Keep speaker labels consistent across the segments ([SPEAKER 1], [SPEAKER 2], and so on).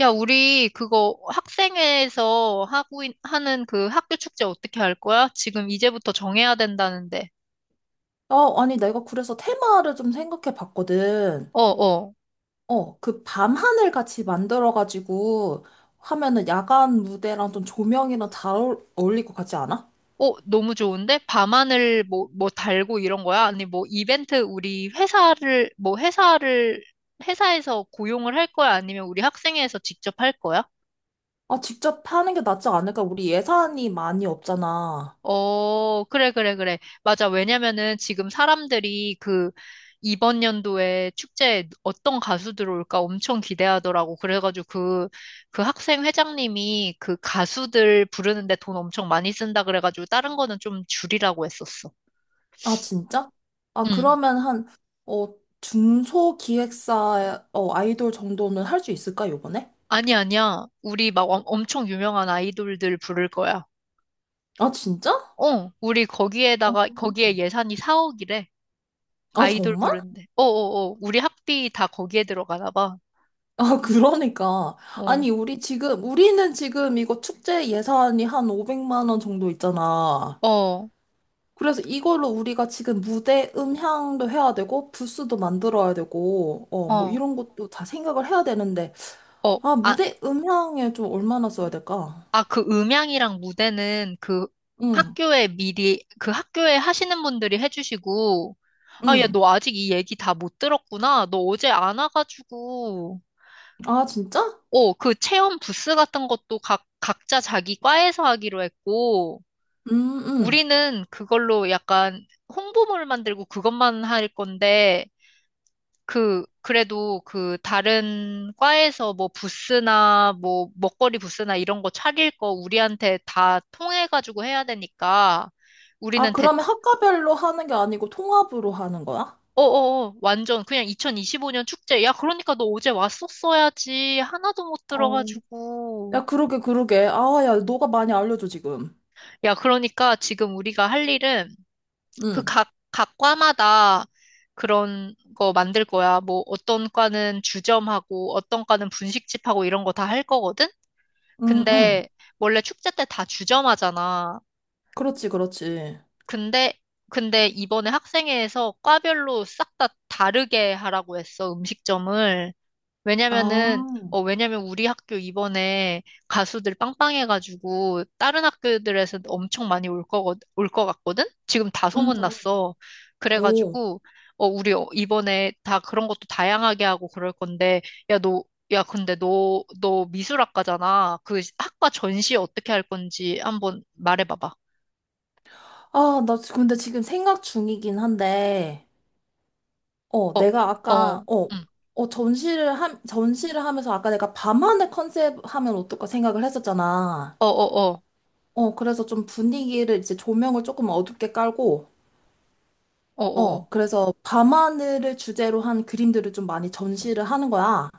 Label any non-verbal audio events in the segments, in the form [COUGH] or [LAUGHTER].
[SPEAKER 1] 야, 우리 그거 학생회에서 하는 그 학교 축제 어떻게 할 거야? 지금 이제부터 정해야 된다는데.
[SPEAKER 2] 어, 아니, 내가 그래서 테마를 좀 생각해 봤거든.
[SPEAKER 1] 어, 어.
[SPEAKER 2] 그 밤하늘 같이 만들어가지고 하면은 야간 무대랑 좀 조명이랑 잘 어울릴 것 같지 않아?
[SPEAKER 1] 어, 너무 좋은데? 밤하늘 뭐 달고 이런 거야? 아니, 뭐 이벤트 우리 회사를, 뭐 회사를, 회사에서 고용을 할 거야? 아니면 우리 학생회에서 직접 할 거야?
[SPEAKER 2] 아, 직접 하는 게 낫지 않을까? 우리 예산이 많이 없잖아.
[SPEAKER 1] 어, 그래, 그래, 그래. 맞아. 왜냐면은 지금 사람들이 그 이번 연도에 축제에 어떤 가수들 올까 엄청 기대하더라고. 그래가지고 그 학생 회장님이 그 가수들 부르는데 돈 엄청 많이 쓴다 그래가지고 다른 거는 좀 줄이라고 했었어.
[SPEAKER 2] 아, 진짜? 아,
[SPEAKER 1] 응.
[SPEAKER 2] 그러면 어, 중소 기획사, 아이돌 정도는 할 수 있을까, 요번에?
[SPEAKER 1] 아니, 아니야. 우리 막 엄청 유명한 아이돌들 부를 거야.
[SPEAKER 2] 아, 진짜?
[SPEAKER 1] 어, 우리
[SPEAKER 2] 어.
[SPEAKER 1] 거기에 예산이 4억이래.
[SPEAKER 2] 아,
[SPEAKER 1] 아이돌
[SPEAKER 2] 정말?
[SPEAKER 1] 부르는데. 어어어. 우리 학비 다 거기에 들어가나 봐.
[SPEAKER 2] 아, 그러니까.
[SPEAKER 1] 어.
[SPEAKER 2] 아니, 우리 지금, 우리는 지금 이거 축제 예산이 한 500만 원 정도 있잖아.
[SPEAKER 1] 어,
[SPEAKER 2] 그래서 이걸로 우리가 지금 무대 음향도 해야 되고, 부스도 만들어야 되고, 뭐
[SPEAKER 1] 어,
[SPEAKER 2] 이런 것도 다 생각을 해야 되는데,
[SPEAKER 1] 어,
[SPEAKER 2] 아,
[SPEAKER 1] 아,
[SPEAKER 2] 무대 음향에 좀 얼마나 써야 될까?
[SPEAKER 1] 아, 그 음향이랑 무대는
[SPEAKER 2] 응,
[SPEAKER 1] 학교에 그 학교에 하시는 분들이 해주시고, 아, 야,
[SPEAKER 2] 응.
[SPEAKER 1] 너 아직 이 얘기 다 못 들었구나. 너 어제 안 와가지고,
[SPEAKER 2] 아, 진짜?
[SPEAKER 1] 어, 그 체험 부스 같은 것도 각자 자기 과에서 하기로 했고,
[SPEAKER 2] 음, 음.
[SPEAKER 1] 우리는 그걸로 약간 홍보물 만들고 그것만 할 건데, 그, 그래도 그 다른 과에서 뭐 부스나 뭐 먹거리 부스나 이런 거 차릴 거 우리한테 다 통해가지고 해야 되니까
[SPEAKER 2] 아,
[SPEAKER 1] 우리는 대,
[SPEAKER 2] 그러면 학과별로 하는 게 아니고 통합으로 하는 거야?
[SPEAKER 1] 완전 그냥 2025년 축제. 야, 그러니까 너 어제 왔었어야지. 하나도 못
[SPEAKER 2] 어.
[SPEAKER 1] 들어가지고.
[SPEAKER 2] 야, 그러게, 그러게. 아, 야, 너가 많이 알려줘, 지금.
[SPEAKER 1] 야, 그러니까 지금 우리가 할 일은 그
[SPEAKER 2] 응,
[SPEAKER 1] 각 과마다 그런 거 만들 거야. 뭐 어떤 과는 주점하고 어떤 과는 분식집하고 이런 거 다 할 거거든?
[SPEAKER 2] 응, 응.
[SPEAKER 1] 근데 원래 축제 때 다 주점하잖아.
[SPEAKER 2] 그렇지, 그렇지.
[SPEAKER 1] 근데 근데 이번에 학생회에서 과별로 싹 다 다르게 하라고 했어, 음식점을. 왜냐면은,
[SPEAKER 2] 아,
[SPEAKER 1] 어, 왜냐면 우리 학교 이번에 가수들 빵빵해가지고 다른 학교들에서 엄청 많이 올것 같거든? 지금 다
[SPEAKER 2] 응응
[SPEAKER 1] 소문났어.
[SPEAKER 2] 오,
[SPEAKER 1] 그래가지고, 어, 우리 이번에 다 그런 것도 다양하게 하고 그럴 건데, 야, 너, 야, 근데 너 미술학과잖아. 그 학과 전시 어떻게 할 건지 한번 말해봐봐.
[SPEAKER 2] 아, 근데 지금 생각 중이긴 한데, 어,
[SPEAKER 1] 어,
[SPEAKER 2] 내가 아까,
[SPEAKER 1] 어,
[SPEAKER 2] 어,
[SPEAKER 1] 응.
[SPEAKER 2] 어, 전시를 하면서 아까 내가 밤하늘 컨셉 하면 어떨까 생각을 했었잖아.
[SPEAKER 1] 어, 어, 어,
[SPEAKER 2] 그래서 좀 분위기를 이제 조명을 조금 어둡게 깔고,
[SPEAKER 1] 어, 어. 어.
[SPEAKER 2] 그래서 밤하늘을 주제로 한 그림들을 좀 많이 전시를 하는 거야.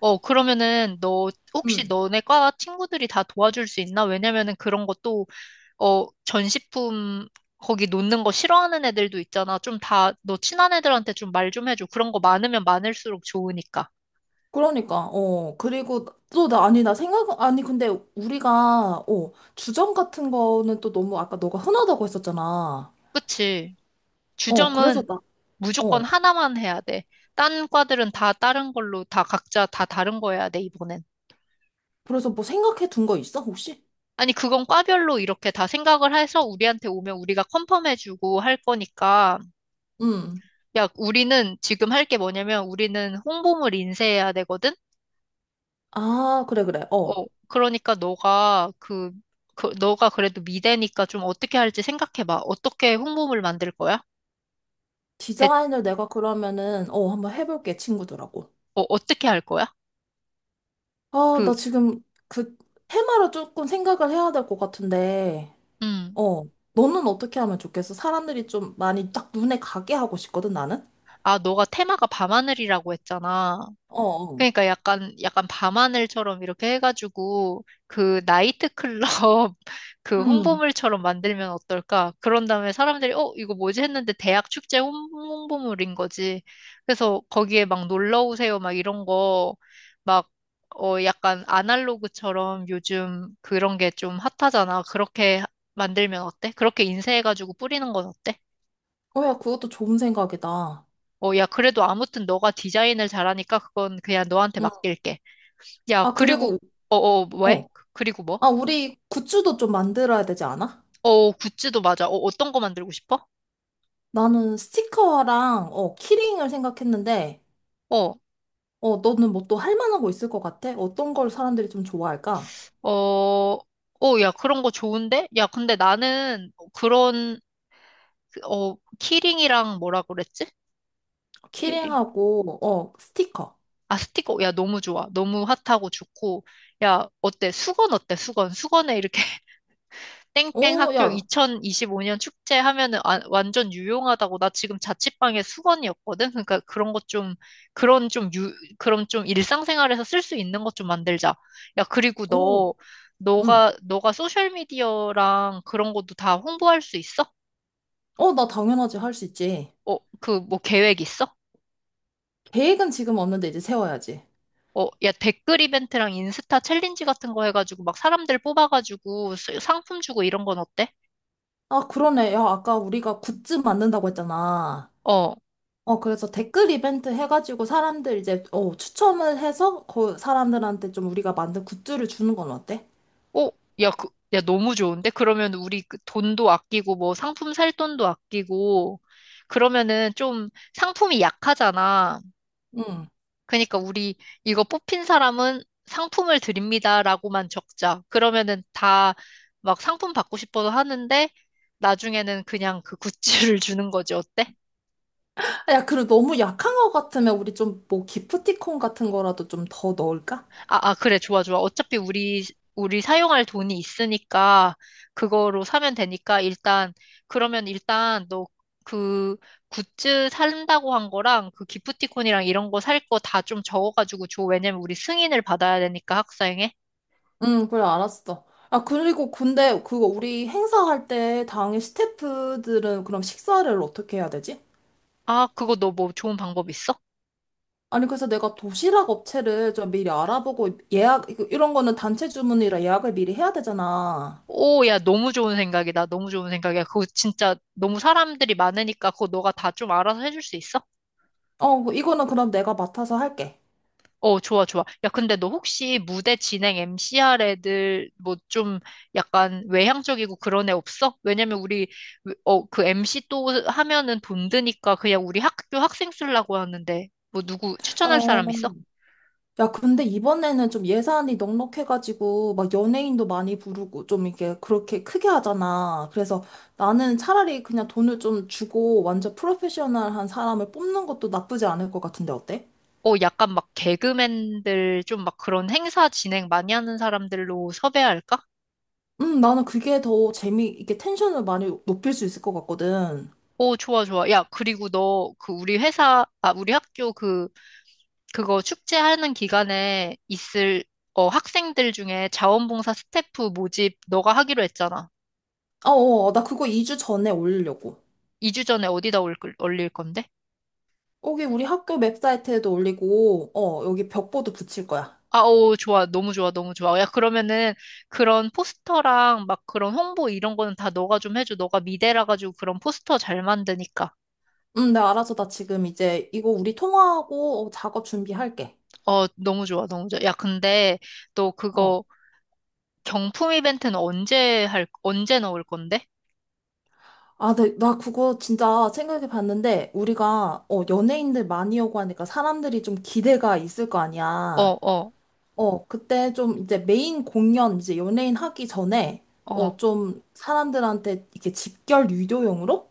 [SPEAKER 1] 어, 그러면은 너 혹시
[SPEAKER 2] 음.
[SPEAKER 1] 너네 과 친구들이 다 도와줄 수 있나? 왜냐면은 그런 것도 어, 전시품 거기 놓는 거 싫어하는 애들도 있잖아. 좀 다 너 친한 애들한테 좀 말 좀 해줘. 그런 거 많으면 많을수록 좋으니까.
[SPEAKER 2] 그러니까, 어, 그리고 또 나, 아니, 나 생각, 아니, 근데 우리가, 어, 주점 같은 거는 또 너무 아까 너가 흔하다고 했었잖아.
[SPEAKER 1] 그치?
[SPEAKER 2] 어, 그래서
[SPEAKER 1] 주점은
[SPEAKER 2] 나,
[SPEAKER 1] 무조건
[SPEAKER 2] 어,
[SPEAKER 1] 하나만 해야 돼. 딴 과들은 다 다른 걸로 다 각자 다 다른 거 해야 돼, 이번엔.
[SPEAKER 2] 그래서 뭐 생각해 둔 거 있어, 혹시?
[SPEAKER 1] 아니, 그건 과별로 이렇게 다 생각을 해서 우리한테 오면 우리가 컨펌해주고 할 거니까.
[SPEAKER 2] 응.
[SPEAKER 1] 야, 우리는 지금 할 게 뭐냐면 우리는 홍보물 인쇄해야 되거든?
[SPEAKER 2] 아, 그래, 그래,
[SPEAKER 1] 어,
[SPEAKER 2] 어.
[SPEAKER 1] 그러니까 너가 그래도 미대니까 좀 어떻게 할지 생각해봐. 어떻게 홍보물 만들 거야? 대,
[SPEAKER 2] 디자인을 내가 그러면은, 어, 한번 해볼게, 친구들하고.
[SPEAKER 1] 어, 어떻게 할 거야?
[SPEAKER 2] 아,
[SPEAKER 1] 그,
[SPEAKER 2] 나 지금 그 테마를 조금 생각을 해야 될 것 같은데,
[SPEAKER 1] 음.
[SPEAKER 2] 어, 너는 어떻게 하면 좋겠어? 사람들이 좀 많이 딱 눈에 가게 하고 싶거든, 나는?
[SPEAKER 1] 아, 너가 테마가 밤하늘이라고 했잖아.
[SPEAKER 2] 어, 어.
[SPEAKER 1] 그러니까 약간 밤하늘처럼 이렇게 해가지고 그 나이트클럽 [LAUGHS] 그
[SPEAKER 2] 음.
[SPEAKER 1] 홍보물처럼 만들면 어떨까? 그런 다음에 사람들이 어 이거 뭐지 했는데 대학 축제 홍보물인 거지. 그래서 거기에 막 놀러 오세요 막 이런 거 막 어 약간 아날로그처럼 요즘 그런 게 좀 핫하잖아. 그렇게 만들면 어때? 그렇게 인쇄해가지고 뿌리는 건 어때?
[SPEAKER 2] 어, 야, 그것도 좋은 생각이다.
[SPEAKER 1] 어 야 그래도 아무튼 너가 디자인을 잘하니까 그건 그냥 너한테
[SPEAKER 2] 응.
[SPEAKER 1] 맡길게. 야,
[SPEAKER 2] 아,
[SPEAKER 1] 그리고,
[SPEAKER 2] 그리고,
[SPEAKER 1] 어, 어, 왜?
[SPEAKER 2] 어.
[SPEAKER 1] 그리고 뭐?
[SPEAKER 2] 아, 우리 굿즈도 좀 만들어야 되지 않아?
[SPEAKER 1] 어, 굿즈도 맞아. 어, 어떤 거 만들고 싶어?
[SPEAKER 2] 나는 스티커랑, 어, 키링을 생각했는데,
[SPEAKER 1] 어,
[SPEAKER 2] 어, 너는 뭐 또 할 만한 거 있을 것 같아? 어떤 걸 사람들이 좀 좋아할까?
[SPEAKER 1] 어, 어, 야, 그런 거 좋은데? 야, 근데 나는 그런, 그, 어, 키링이랑 뭐라 그랬지? 키링.
[SPEAKER 2] 키링하고, 어, 스티커.
[SPEAKER 1] 아, 스티커. 야, 너무 좋아. 너무 핫하고 좋고. 야, 어때? 수건 어때? 수건. 수건에 이렇게 땡땡
[SPEAKER 2] 오,
[SPEAKER 1] 학교
[SPEAKER 2] 야,
[SPEAKER 1] 2025년 축제 하면은 완전 유용하다고 나 지금 자취방에 수건이었거든. 그러니까 그런 것 좀, 그런 좀 유, 그런 좀 일상생활에서 쓸 수 있는 것 좀 만들자. 야, 그리고
[SPEAKER 2] 오,
[SPEAKER 1] 너,
[SPEAKER 2] 응.
[SPEAKER 1] 너가 소셜미디어랑 그런 것도 다 홍보할 수 있어?
[SPEAKER 2] 어, 나 당연하지. 할 수 있지.
[SPEAKER 1] 어, 그 뭐 계획 있어?
[SPEAKER 2] 계획은 지금 없는데 이제 세워야지.
[SPEAKER 1] 어, 야, 댓글 이벤트랑 인스타 챌린지 같은 거 해가지고 막 사람들 뽑아가지고 상품 주고 이런 건 어때?
[SPEAKER 2] 아, 그러네. 야, 아까 우리가 굿즈 만든다고 했잖아.
[SPEAKER 1] 어,
[SPEAKER 2] 어, 그래서 댓글 이벤트 해가지고 사람들 이제, 어, 추첨을 해서 그 사람들한테 좀 우리가 만든 굿즈를 주는 건 어때?
[SPEAKER 1] 어, 야, 그, 야, 너무 좋은데? 그러면 우리 그 돈도 아끼고, 뭐 상품 살 돈도 아끼고, 그러면은 좀 상품이 약하잖아.
[SPEAKER 2] 응.
[SPEAKER 1] 그러니까 우리 이거 뽑힌 사람은 상품을 드립니다라고만 적자. 그러면은 다 막 상품 받고 싶어서 하는데, 나중에는 그냥 그 굿즈를 [LAUGHS] 주는 거지. 어때?
[SPEAKER 2] 아, 야, 그리고 너무 약한 것 같으면 우리 좀 뭐 기프티콘 같은 거라도 좀 더 넣을까?
[SPEAKER 1] 아, 아, 그래, 좋아, 좋아. 어차피 우리, 우리 사용할 돈이 있으니까, 그거로 사면 되니까, 일단, 그러면 일단, 너 그 굿즈 산다고 한 거랑, 그 기프티콘이랑 이런 거 살 거 다 좀 적어가지고 줘. 왜냐면 우리 승인을 받아야 되니까, 학사행에.
[SPEAKER 2] 응, 그래, 알았어. 아, 그리고 근데 그거 우리 행사할 때 당일 스태프들은 그럼 식사를 어떻게 해야 되지?
[SPEAKER 1] 아, 그거 너 뭐 좋은 방법 있어?
[SPEAKER 2] 아니, 그래서 내가 도시락 업체를 좀 미리 알아보고 이런 거는 단체 주문이라 예약을 미리 해야 되잖아.
[SPEAKER 1] 오, 야, 너무 좋은 생각이다. 너무 좋은 생각이야. 그거 진짜 너무 사람들이 많으니까, 그거 너가 다 좀 알아서 해줄 수 있어?
[SPEAKER 2] 어, 뭐 이거는 그럼 내가 맡아서 할게.
[SPEAKER 1] 어, 좋아, 좋아. 야, 근데 너 혹시 무대 진행 m c 할 애들 뭐 좀 약간 외향적이고 그런 애 없어? 왜냐면 우리 어, 그 MC 또 하면은 돈 드니까 그냥 우리 학교 학생 쓰려고 하는데 뭐 누구 추천할
[SPEAKER 2] 어,
[SPEAKER 1] 사람 있어?
[SPEAKER 2] 야, 근데 이번에는 좀 예산이 넉넉해가지고, 막 연예인도 많이 부르고, 좀 이렇게 그렇게 크게 하잖아. 그래서 나는 차라리 그냥 돈을 좀 주고, 완전 프로페셔널한 사람을 뽑는 것도 나쁘지 않을 것 같은데, 어때?
[SPEAKER 1] 어, 약간 막 개그맨들 좀 막 그런 행사 진행 많이 하는 사람들로 섭외할까?
[SPEAKER 2] 나는 그게 더 재미, 이게 텐션을 많이 높일 수 있을 것 같거든.
[SPEAKER 1] 오, 좋아, 좋아. 야, 그리고 너 그 우리 회사, 아, 우리 학교 그 그거 축제하는 기간에 있을 어, 학생들 중에 자원봉사 스태프 모집 너가 하기로 했잖아.
[SPEAKER 2] 어, 나 그거 2주 전에 올리려고.
[SPEAKER 1] 2주 전에 어디다 올릴 건데?
[SPEAKER 2] 여기 우리 학교 웹사이트에도 올리고, 어, 여기 벽보도 붙일 거야.
[SPEAKER 1] 아, 오, 좋아. 너무 좋아. 너무 좋아. 야, 그러면은 그런 포스터랑 막 그런 홍보 이런 거는 다 너가 좀 해줘. 너가 미대라 가지고 그런 포스터 잘 만드니까.
[SPEAKER 2] 가 알아서 나 지금 이제 이거 우리 통화하고 어, 작업 준비할게.
[SPEAKER 1] 어, 너무 좋아. 너무 좋아. 야, 근데 너
[SPEAKER 2] 어.
[SPEAKER 1] 그거 경품 이벤트는 언제 넣을 건데?
[SPEAKER 2] 아, 네, 나 그거 진짜 생각해 봤는데, 우리가, 어, 연예인들 많이 오고 하니까 사람들이 좀 기대가 있을 거
[SPEAKER 1] 어,
[SPEAKER 2] 아니야.
[SPEAKER 1] 어,
[SPEAKER 2] 어, 그때 좀 이제 메인 공연, 이제 연예인 하기 전에,
[SPEAKER 1] 어.
[SPEAKER 2] 어, 좀 사람들한테 이렇게 집결 유도용으로,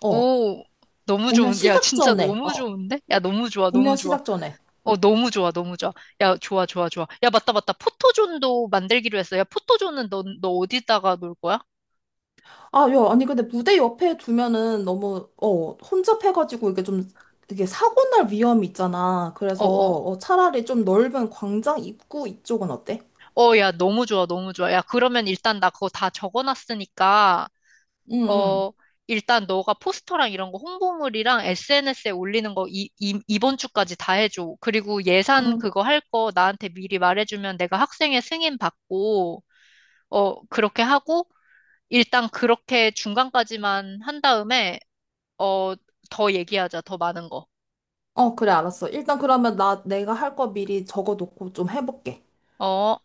[SPEAKER 2] 어,
[SPEAKER 1] 오, 너무
[SPEAKER 2] 공연
[SPEAKER 1] 좋은, 야,
[SPEAKER 2] 시작
[SPEAKER 1] 진짜
[SPEAKER 2] 전에, 어,
[SPEAKER 1] 너무 좋은데? 야, 너무 좋아,
[SPEAKER 2] 공연
[SPEAKER 1] 너무 좋아.
[SPEAKER 2] 시작 전에.
[SPEAKER 1] 어, 너무 좋아, 너무 좋아. 야, 좋아, 좋아, 좋아. 야, 맞다, 맞다. 포토존도 만들기로 했어. 야, 포토존은 너 어디다가 놀 거야?
[SPEAKER 2] 아, 야, 아니, 근데 무대 옆에 두면은 너무, 어, 혼잡해가지고 이게 좀, 이게 사고 날 위험이 있잖아.
[SPEAKER 1] 어,
[SPEAKER 2] 그래서,
[SPEAKER 1] 어.
[SPEAKER 2] 어, 차라리 좀 넓은 광장 입구 이쪽은 어때?
[SPEAKER 1] 어, 야, 너무 좋아, 너무 좋아. 야, 그러면 일단 나 그거 다 적어놨으니까,
[SPEAKER 2] 응, 응.
[SPEAKER 1] 어, 일단 너가 포스터랑 이런 거 홍보물이랑 SNS에 올리는 거 이번 주까지 다 해줘. 그리고 예산
[SPEAKER 2] 응.
[SPEAKER 1] 그거 할 거 나한테 미리 말해주면 내가 학생회 승인 받고, 어, 그렇게 하고, 일단 그렇게 중간까지만 한 다음에, 어, 더 얘기하자, 더 많은 거.
[SPEAKER 2] 어, 그래, 알았어. 일단 그러면 나 내가 할 거 미리 적어놓고 좀 해볼게.
[SPEAKER 1] 어.